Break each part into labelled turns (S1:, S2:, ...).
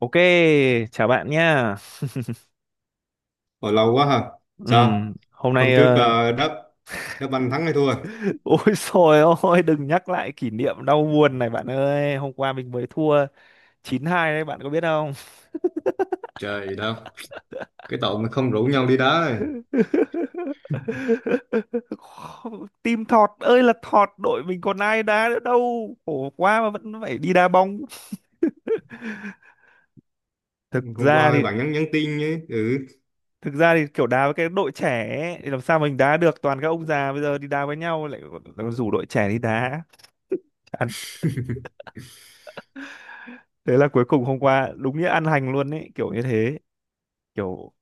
S1: Ok, chào bạn nhá.
S2: Hồi lâu quá ha. Sao?
S1: Hôm
S2: Hôm
S1: nay
S2: trước là đá đá banh thắng hay thua?
S1: ôi trời ơi, đừng nhắc lại kỷ niệm đau buồn này bạn ơi. Hôm qua mình mới thua 9-2 đấy, bạn có biết không?
S2: Trời gì đâu. Cái tội mà không rủ nhau đi đá này.
S1: Team thọt ơi là thọt, đội mình còn ai đá nữa đâu. Khổ quá mà vẫn phải đi đá bóng. Thực
S2: Hôm
S1: ra
S2: qua
S1: thì
S2: bạn nhắn nhắn tin nhé. Ừ.
S1: thực ra thì kiểu đá với cái đội trẻ ấy, thì làm sao mình đá được, toàn các ông già bây giờ đi đá với nhau lại còn rủ đội trẻ đi đá. Thế là cuối cùng hôm qua đúng nghĩa ăn hành luôn ấy, kiểu như thế. Kiểu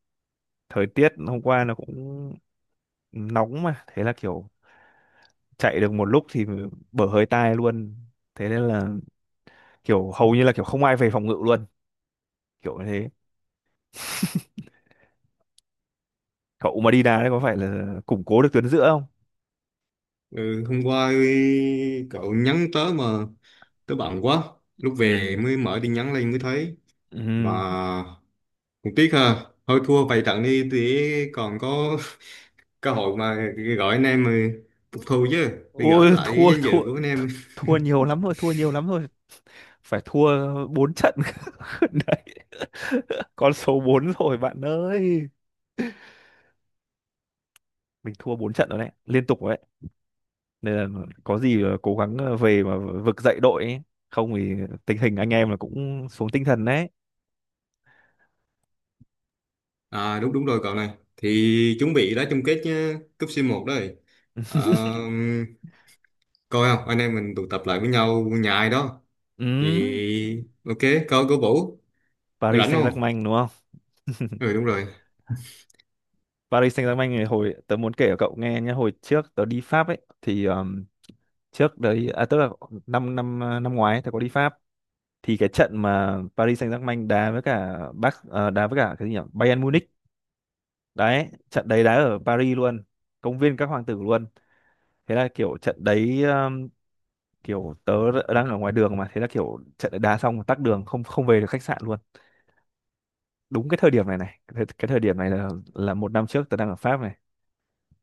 S1: thời tiết hôm qua nó cũng nóng, mà thế là kiểu chạy được một lúc thì bở hơi tai luôn. Thế nên là kiểu hầu như là kiểu không ai về phòng ngự luôn, kiểu như thế. Cậu mà đi đá đấy có phải là củng cố được tuyến giữa không?
S2: Ừ. Hôm qua cậu nhắn tới mà tới bận quá. Lúc về
S1: Ừ,
S2: mới mở tin nhắn lên mới thấy. Mà
S1: ừ,
S2: cũng tiếc ha. Thôi thua vài trận đi thì còn có cơ hội mà gọi anh em mà phục thù chứ. Để gỡ
S1: ôi,
S2: lại cái
S1: thua
S2: danh
S1: thua
S2: dự của anh em.
S1: thua nhiều lắm rồi, thua nhiều lắm rồi. Phải thua 4 trận đấy, con số 4 rồi bạn ơi, mình thua 4 trận rồi đấy, liên tục rồi đấy, nên là có gì là cố gắng về mà vực dậy đội ấy. Không thì tình hình anh em là cũng xuống tinh thần đấy.
S2: À, đúng đúng rồi cậu này, thì chuẩn bị đá chung kết nhá, cúp C1 đấy. Ờ, Coi không anh em mình tụ tập lại với nhau nhà ai đó
S1: Ừ.
S2: thì ok, coi cô Vũ
S1: Paris
S2: rảnh không.
S1: Saint-Germain đúng không?
S2: Ừ, đúng rồi.
S1: Paris Saint-Germain này, hồi tớ muốn kể cho cậu nghe nhé, hồi trước tớ đi Pháp ấy thì trước đấy à, tức là năm năm à, năm ngoái ấy, tớ có đi Pháp, thì cái trận mà Paris Saint-Germain đá với cả đá với cả cái gì nhỉ, Bayern Munich đấy, trận đấy đá ở Paris luôn, công viên các hoàng tử luôn. Thế là kiểu trận đấy, kiểu tớ đang ở ngoài đường, mà thế là kiểu trận đá xong mà tắc đường, không không về được khách sạn luôn. Đúng cái thời điểm này này cái thời điểm này là một năm trước tớ đang ở Pháp này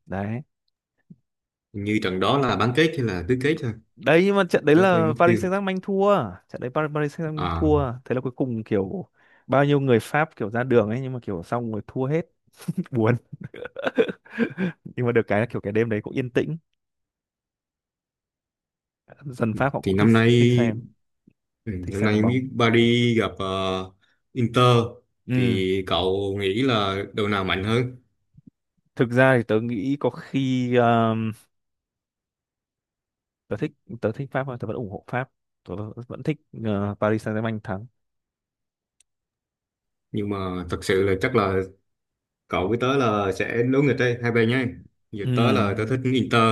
S1: đấy.
S2: Hình như trận đó là bán kết hay là tứ kết thôi,
S1: Đấy nhưng mà trận đấy
S2: tớ quên
S1: là
S2: mất tiêu.
S1: Paris Saint-Germain thua, trận đấy Paris Saint-Germain
S2: À,
S1: thua, thế là cuối cùng kiểu bao nhiêu người Pháp kiểu ra đường ấy, nhưng mà kiểu xong rồi thua hết. Buồn. Nhưng mà được cái là kiểu cái đêm đấy cũng yên tĩnh, dân Pháp họ
S2: thì
S1: cũng thích,
S2: năm nay,
S1: thích xem
S2: ừ,
S1: thích
S2: năm
S1: xem đá
S2: nay biết
S1: bóng.
S2: Paris gặp Inter,
S1: Ừ,
S2: thì cậu nghĩ là đội nào mạnh hơn?
S1: thực ra thì tớ nghĩ có khi, tớ thích, tớ thích Pháp thôi, tớ vẫn ủng hộ Pháp, tớ vẫn thích Paris Saint-Germain thắng.
S2: Nhưng mà thật sự là chắc là cậu với tớ là sẽ đấu nghịch đây, hai bên nhé. Giờ tớ là tớ
S1: Ừ,
S2: thích Inter.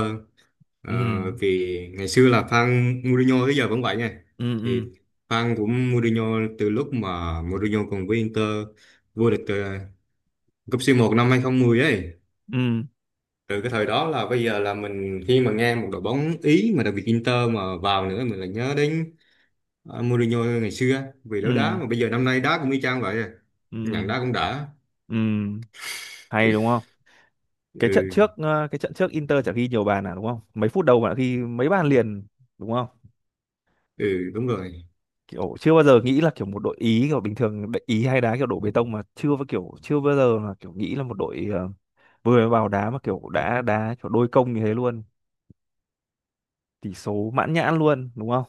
S2: ờ,
S1: ừ,
S2: Vì ngày xưa là fan Mourinho tới giờ vẫn vậy nha.
S1: ừ, ừ,
S2: Thì fan của Mourinho từ lúc mà Mourinho còn với Inter vô địch cúp C1 năm 2010 ấy.
S1: ừ,
S2: Từ cái thời đó là bây giờ là mình khi mà nghe một đội bóng Ý mà đặc biệt Inter mà vào nữa mình lại nhớ đến Mourinho ngày xưa, vì
S1: ừ,
S2: đấu đá mà bây giờ năm nay đá cũng y chang vậy à. Nhận
S1: ừ,
S2: đá cũng đã.
S1: ừ, hay đúng không? Cái trận
S2: Ừ,
S1: trước cái trận trước Inter chả ghi nhiều bàn à đúng không, mấy phút đầu bạn ghi mấy bàn liền đúng không?
S2: ừ, đúng rồi.
S1: Kiểu chưa bao giờ nghĩ là kiểu một đội Ý, kiểu bình thường đội Ý hay đá kiểu đổ bê tông, mà chưa bao kiểu chưa bao giờ là kiểu nghĩ là một đội vừa mới vào đá mà kiểu đã đá kiểu đôi công như thế luôn, tỷ số mãn nhãn luôn đúng không?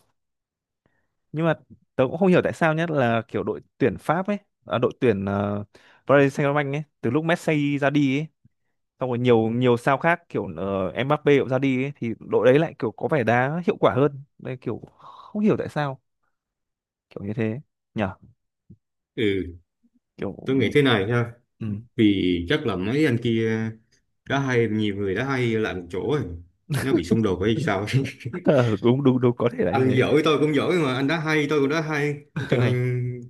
S1: Nhưng mà tớ cũng không hiểu tại sao, nhất là kiểu đội tuyển Pháp ấy, à, đội tuyển Paris Saint-Germain ấy, từ lúc Messi ra đi ấy, xong rồi nhiều nhiều sao khác kiểu Mbappe cũng ra đi ấy, thì đội đấy lại kiểu có vẻ đá hiệu quả hơn đây, kiểu không hiểu tại sao, kiểu như thế nhở.
S2: Ừ.
S1: Kiểu
S2: Tôi nghĩ thế này nha:
S1: ừ.
S2: vì chắc là mấy anh kia đã hay, nhiều người đã hay lại một chỗ rồi nó bị xung đột hay sao ấy.
S1: Ờ, đúng đúng đúng, có thể là như
S2: Anh
S1: thế.
S2: giỏi tôi cũng giỏi mà, anh đã hay tôi cũng đã hay, cho nên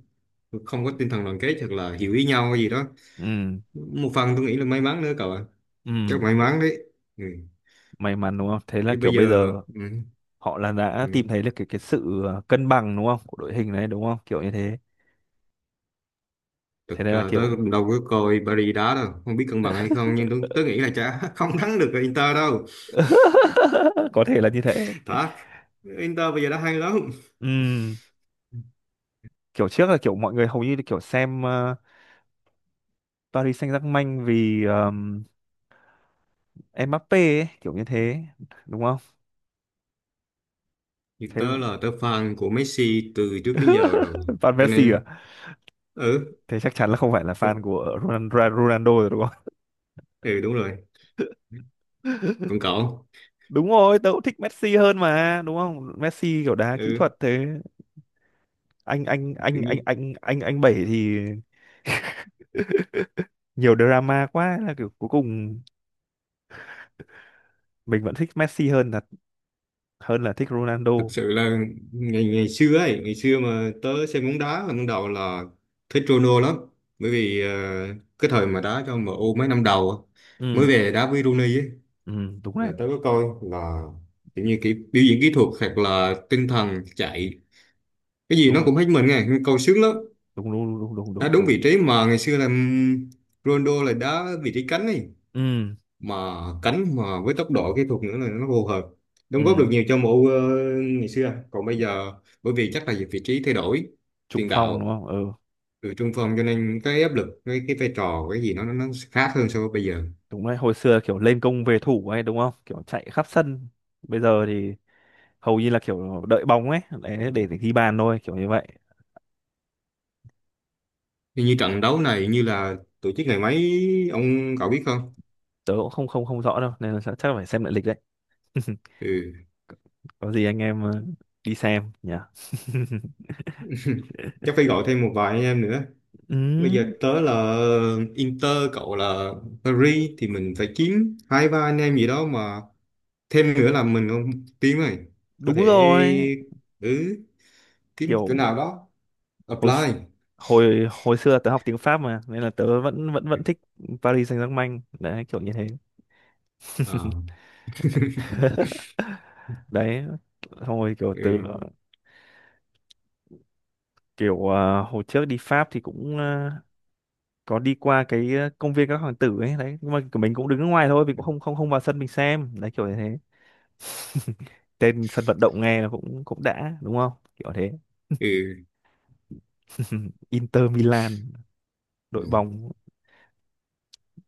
S2: không có tinh thần đoàn kết hoặc là hiểu ý nhau hay gì đó.
S1: Ừ,
S2: Một phần tôi nghĩ là may mắn nữa cậu ạ.
S1: ừ,
S2: Chắc may mắn đấy. Ừ.
S1: may mắn đúng không, thế là
S2: Chứ
S1: kiểu
S2: bây giờ.
S1: bây giờ
S2: Ừ.
S1: họ là đã
S2: Ừ.
S1: tìm thấy được cái sự cân bằng đúng không của đội hình đấy đúng không, kiểu như thế. Thế
S2: Thực
S1: nên là
S2: ra tớ
S1: kiểu
S2: cũng đâu có coi Paris đá đâu, không biết cân bằng hay không, nhưng tớ nghĩ là chả không thắng được Inter đâu.
S1: có thể là như thế.
S2: Thật, Inter bây giờ đã hay lắm.
S1: Ừm, Kiểu trước là kiểu mọi người hầu như là kiểu xem Paris Saint-Germain vì Mbappé ấy, kiểu như thế, đúng không?
S2: Như
S1: Thế
S2: tớ là tớ fan của Messi từ trước đến giờ rồi.
S1: fan
S2: Cho
S1: Messi à?
S2: nên, ừ,
S1: Thế chắc chắn là không phải là
S2: ừ,
S1: fan của Ronaldo rồi đúng không?
S2: ừ, đúng rồi. Còn cậu,
S1: Đúng rồi, tớ cũng thích Messi hơn mà đúng không, Messi kiểu đá kỹ
S2: ừ,
S1: thuật thế. anh anh anh
S2: tự
S1: anh
S2: nhiên,
S1: anh anh anh bảy thì nhiều drama quá, là kiểu cuối cùng mình vẫn thích Messi hơn là thích Ronaldo.
S2: thật sự là ngày ngày xưa ấy, ngày xưa mà tớ xem bóng đá là ban đầu là thích Ronaldo lắm. Bởi vì cái thời mà đá cho MU mấy năm đầu á, mới
S1: Ừ,
S2: về đá với Rooney ấy,
S1: ừ, đúng đấy,
S2: là tớ có coi là tự nhiên cái biểu diễn kỹ thuật hoặc là tinh thần chạy, cái gì nó
S1: đúng
S2: cũng hết mình nghe, câu sướng lắm.
S1: đúng đúng đúng đúng
S2: Đá
S1: đúng
S2: đúng
S1: đúng.
S2: vị trí mà ngày xưa là Ronaldo là đá vị trí cánh ấy,
S1: Ừ,
S2: mà cánh mà với tốc độ kỹ thuật nữa là nó phù hợp,
S1: ừ,
S2: đóng góp được nhiều cho MU ngày xưa. Còn bây giờ bởi vì chắc là vị trí thay đổi,
S1: trung
S2: tiền
S1: phong đúng
S2: đạo
S1: không? Ừ,
S2: từ trung phong, cho nên cái áp lực, cái vai trò, cái gì nó nó khác hơn so với bây giờ.
S1: đúng đấy, hồi xưa kiểu lên công về thủ ấy đúng không, kiểu chạy khắp sân, bây giờ thì hầu như là kiểu đợi bóng ấy để ghi bàn thôi, kiểu như vậy.
S2: Như trận đấu này, như là tổ chức ngày mấy ông cậu biết không?
S1: Tớ cũng không không không rõ đâu, nên là chắc chắc là phải xem lại lịch đấy.
S2: Ừ.
S1: Có gì anh em đi xem nhỉ.
S2: Chắc phải gọi thêm một vài anh em nữa.
S1: Ừ,
S2: Bây giờ tớ là Inter, cậu là Paris, thì mình phải kiếm hai ba anh em gì đó mà thêm nữa là mình không tiếng rồi. Có
S1: đúng
S2: thể,
S1: rồi.
S2: ừ, kiếm chỗ
S1: Kiểu
S2: nào đó
S1: hồi
S2: apply.
S1: x- hồi hồi xưa tớ học tiếng Pháp mà, nên là tớ vẫn vẫn vẫn thích Paris Saint-Germain đấy, kiểu như thế.
S2: À,
S1: Đấy thôi, kiểu từ,
S2: ừ,
S1: kiểu à, hồi trước đi Pháp thì cũng à, có đi qua cái, à, công viên các hoàng tử ấy đấy, nhưng mà của mình cũng đứng ở ngoài thôi, mình cũng không không không vào sân mình xem đấy, kiểu như thế. Tên sân vận động nghe là cũng cũng đã đúng không, kiểu thế.
S2: ừ,
S1: Inter Milan,
S2: ừ,
S1: đội bóng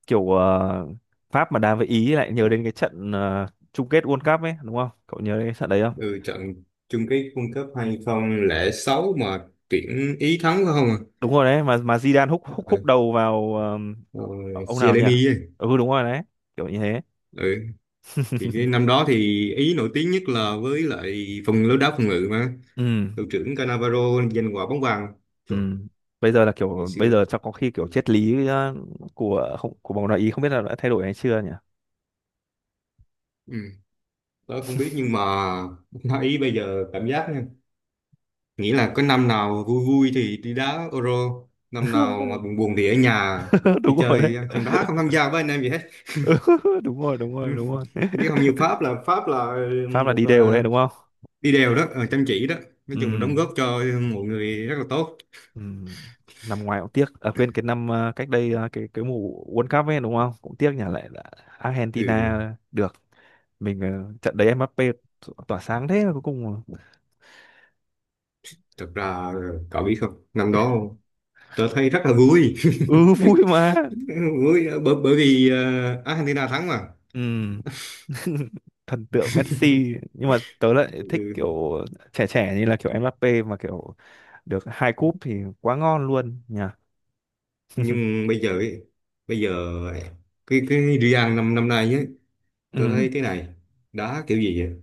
S1: kiểu Pháp mà đá với Ý lại nhớ đến cái trận chung kết World Cup ấy đúng không, cậu nhớ đến cái trận đấy.
S2: ừ, trận chung kết World Cup 2006 mà tuyển Ý thắng phải không? À?
S1: Đúng rồi đấy, mà Zidane húc húc húc
S2: Ừ,
S1: đầu vào
S2: rồi
S1: ông nào nhỉ.
S2: Chiellini ấy.
S1: Ừ, đúng rồi đấy, kiểu như thế.
S2: Ừ, thì cái năm đó thì Ý nổi tiếng nhất là với lại phần lối đá phòng ngự mà.
S1: Ừ,
S2: Đội trưởng Cannavaro giành quả bóng vàng.
S1: ừ,
S2: Trời,
S1: bây giờ là
S2: ngày
S1: kiểu bây
S2: xưa.
S1: giờ chắc có khi
S2: Ừ.
S1: kiểu triết lý của không của bóng đá Ý không biết là đã thay đổi hay chưa nhỉ.
S2: Ừ. Tớ không biết nhưng mà bóng Ý bây giờ cảm giác nha, nghĩ là có năm nào vui vui thì đi đá Euro, năm nào mà buồn buồn thì ở nhà, đi
S1: Đúng rồi đấy.
S2: chơi không đá, không tham gia với anh em gì hết.
S1: Ừ, đúng rồi, đúng rồi, đúng rồi.
S2: Chứ không như Pháp là
S1: Pháp là
S2: một
S1: đi đều đấy đúng không?
S2: đi đều đó chăm chỉ đó, nói
S1: Ừ,
S2: chung là đóng góp cho mọi người rất là tốt.
S1: ừ, năm ngoái cũng tiếc à, quên cái năm cách đây cái mùa World Cup ấy đúng không, cũng tiếc nhỉ, lại là Argentina
S2: Ừ,
S1: được. Mình trận đấy tỏa sáng thế mà cuối cùng là-.
S2: thật ra cậu biết không, năm đó tớ thấy rất là vui
S1: Ừ, vui mà,
S2: bởi, bởi bởi vì Argentina thắng mà.
S1: ừ. Thần tượng Messi nhưng mà tớ lại thích
S2: Ừ.
S1: kiểu trẻ trẻ như là kiểu Mbappe, mà kiểu được hai cúp thì quá ngon luôn nhỉ.
S2: Nhưng bây giờ ấy, bây giờ cái Real năm năm nay ấy, tôi
S1: Ừ,
S2: thấy cái này đá kiểu gì vậy?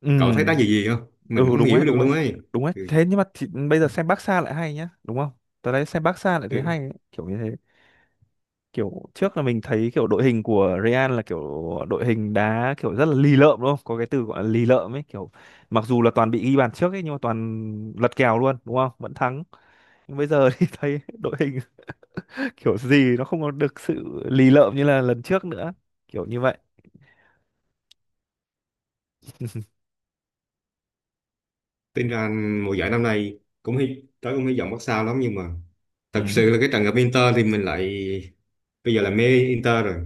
S1: ừ,
S2: Cậu thấy đá gì gì không, mình
S1: ừ,
S2: không
S1: đúng đấy,
S2: hiểu được
S1: đúng đấy,
S2: luôn ấy.
S1: đúng đấy.
S2: Ừ.
S1: Thế nhưng mà thì bây giờ xem Barca lại hay nhá đúng không, tớ đấy xem Barca lại thấy
S2: Ừ.
S1: hay ấy, kiểu như thế. Kiểu trước là mình thấy kiểu đội hình của Real là kiểu đội hình đá kiểu rất là lì lợm đúng không? Có cái từ gọi là lì lợm ấy, kiểu mặc dù là toàn bị ghi bàn trước ấy, nhưng mà toàn lật kèo luôn đúng không? Vẫn thắng. Nhưng bây giờ thì thấy đội hình kiểu gì nó không có được sự lì lợm như là lần trước nữa. Kiểu như vậy.
S2: Tính ra mùa giải năm nay cũng hy vọng Barca lắm, nhưng mà
S1: Ừ.
S2: thật sự là cái trận gặp Inter thì mình lại, bây giờ là mê Inter rồi.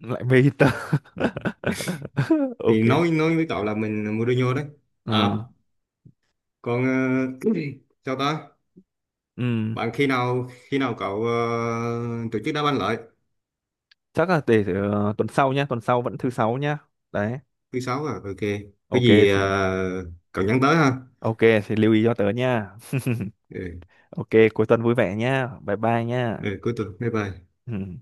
S1: Lại mê Inter. Ok.
S2: Thì nói với cậu là mình Mourinho đấy. À
S1: Ừ.
S2: còn sao ta?
S1: Ừ.
S2: Bạn khi nào cậu tổ chức đá banh lại?
S1: Chắc là để tuần sau nhá, tuần sau vẫn thứ sáu nhá. Đấy.
S2: Thứ sáu à, ok. Có
S1: Ok
S2: gì
S1: thì
S2: cậu nhắn tới ha.
S1: ok thì lưu ý cho tớ nha.
S2: Ừ,
S1: Ok, cuối tuần vui vẻ nha. Bye bye nha.
S2: ừ, cuối tuần. Bye bye.
S1: Ừ.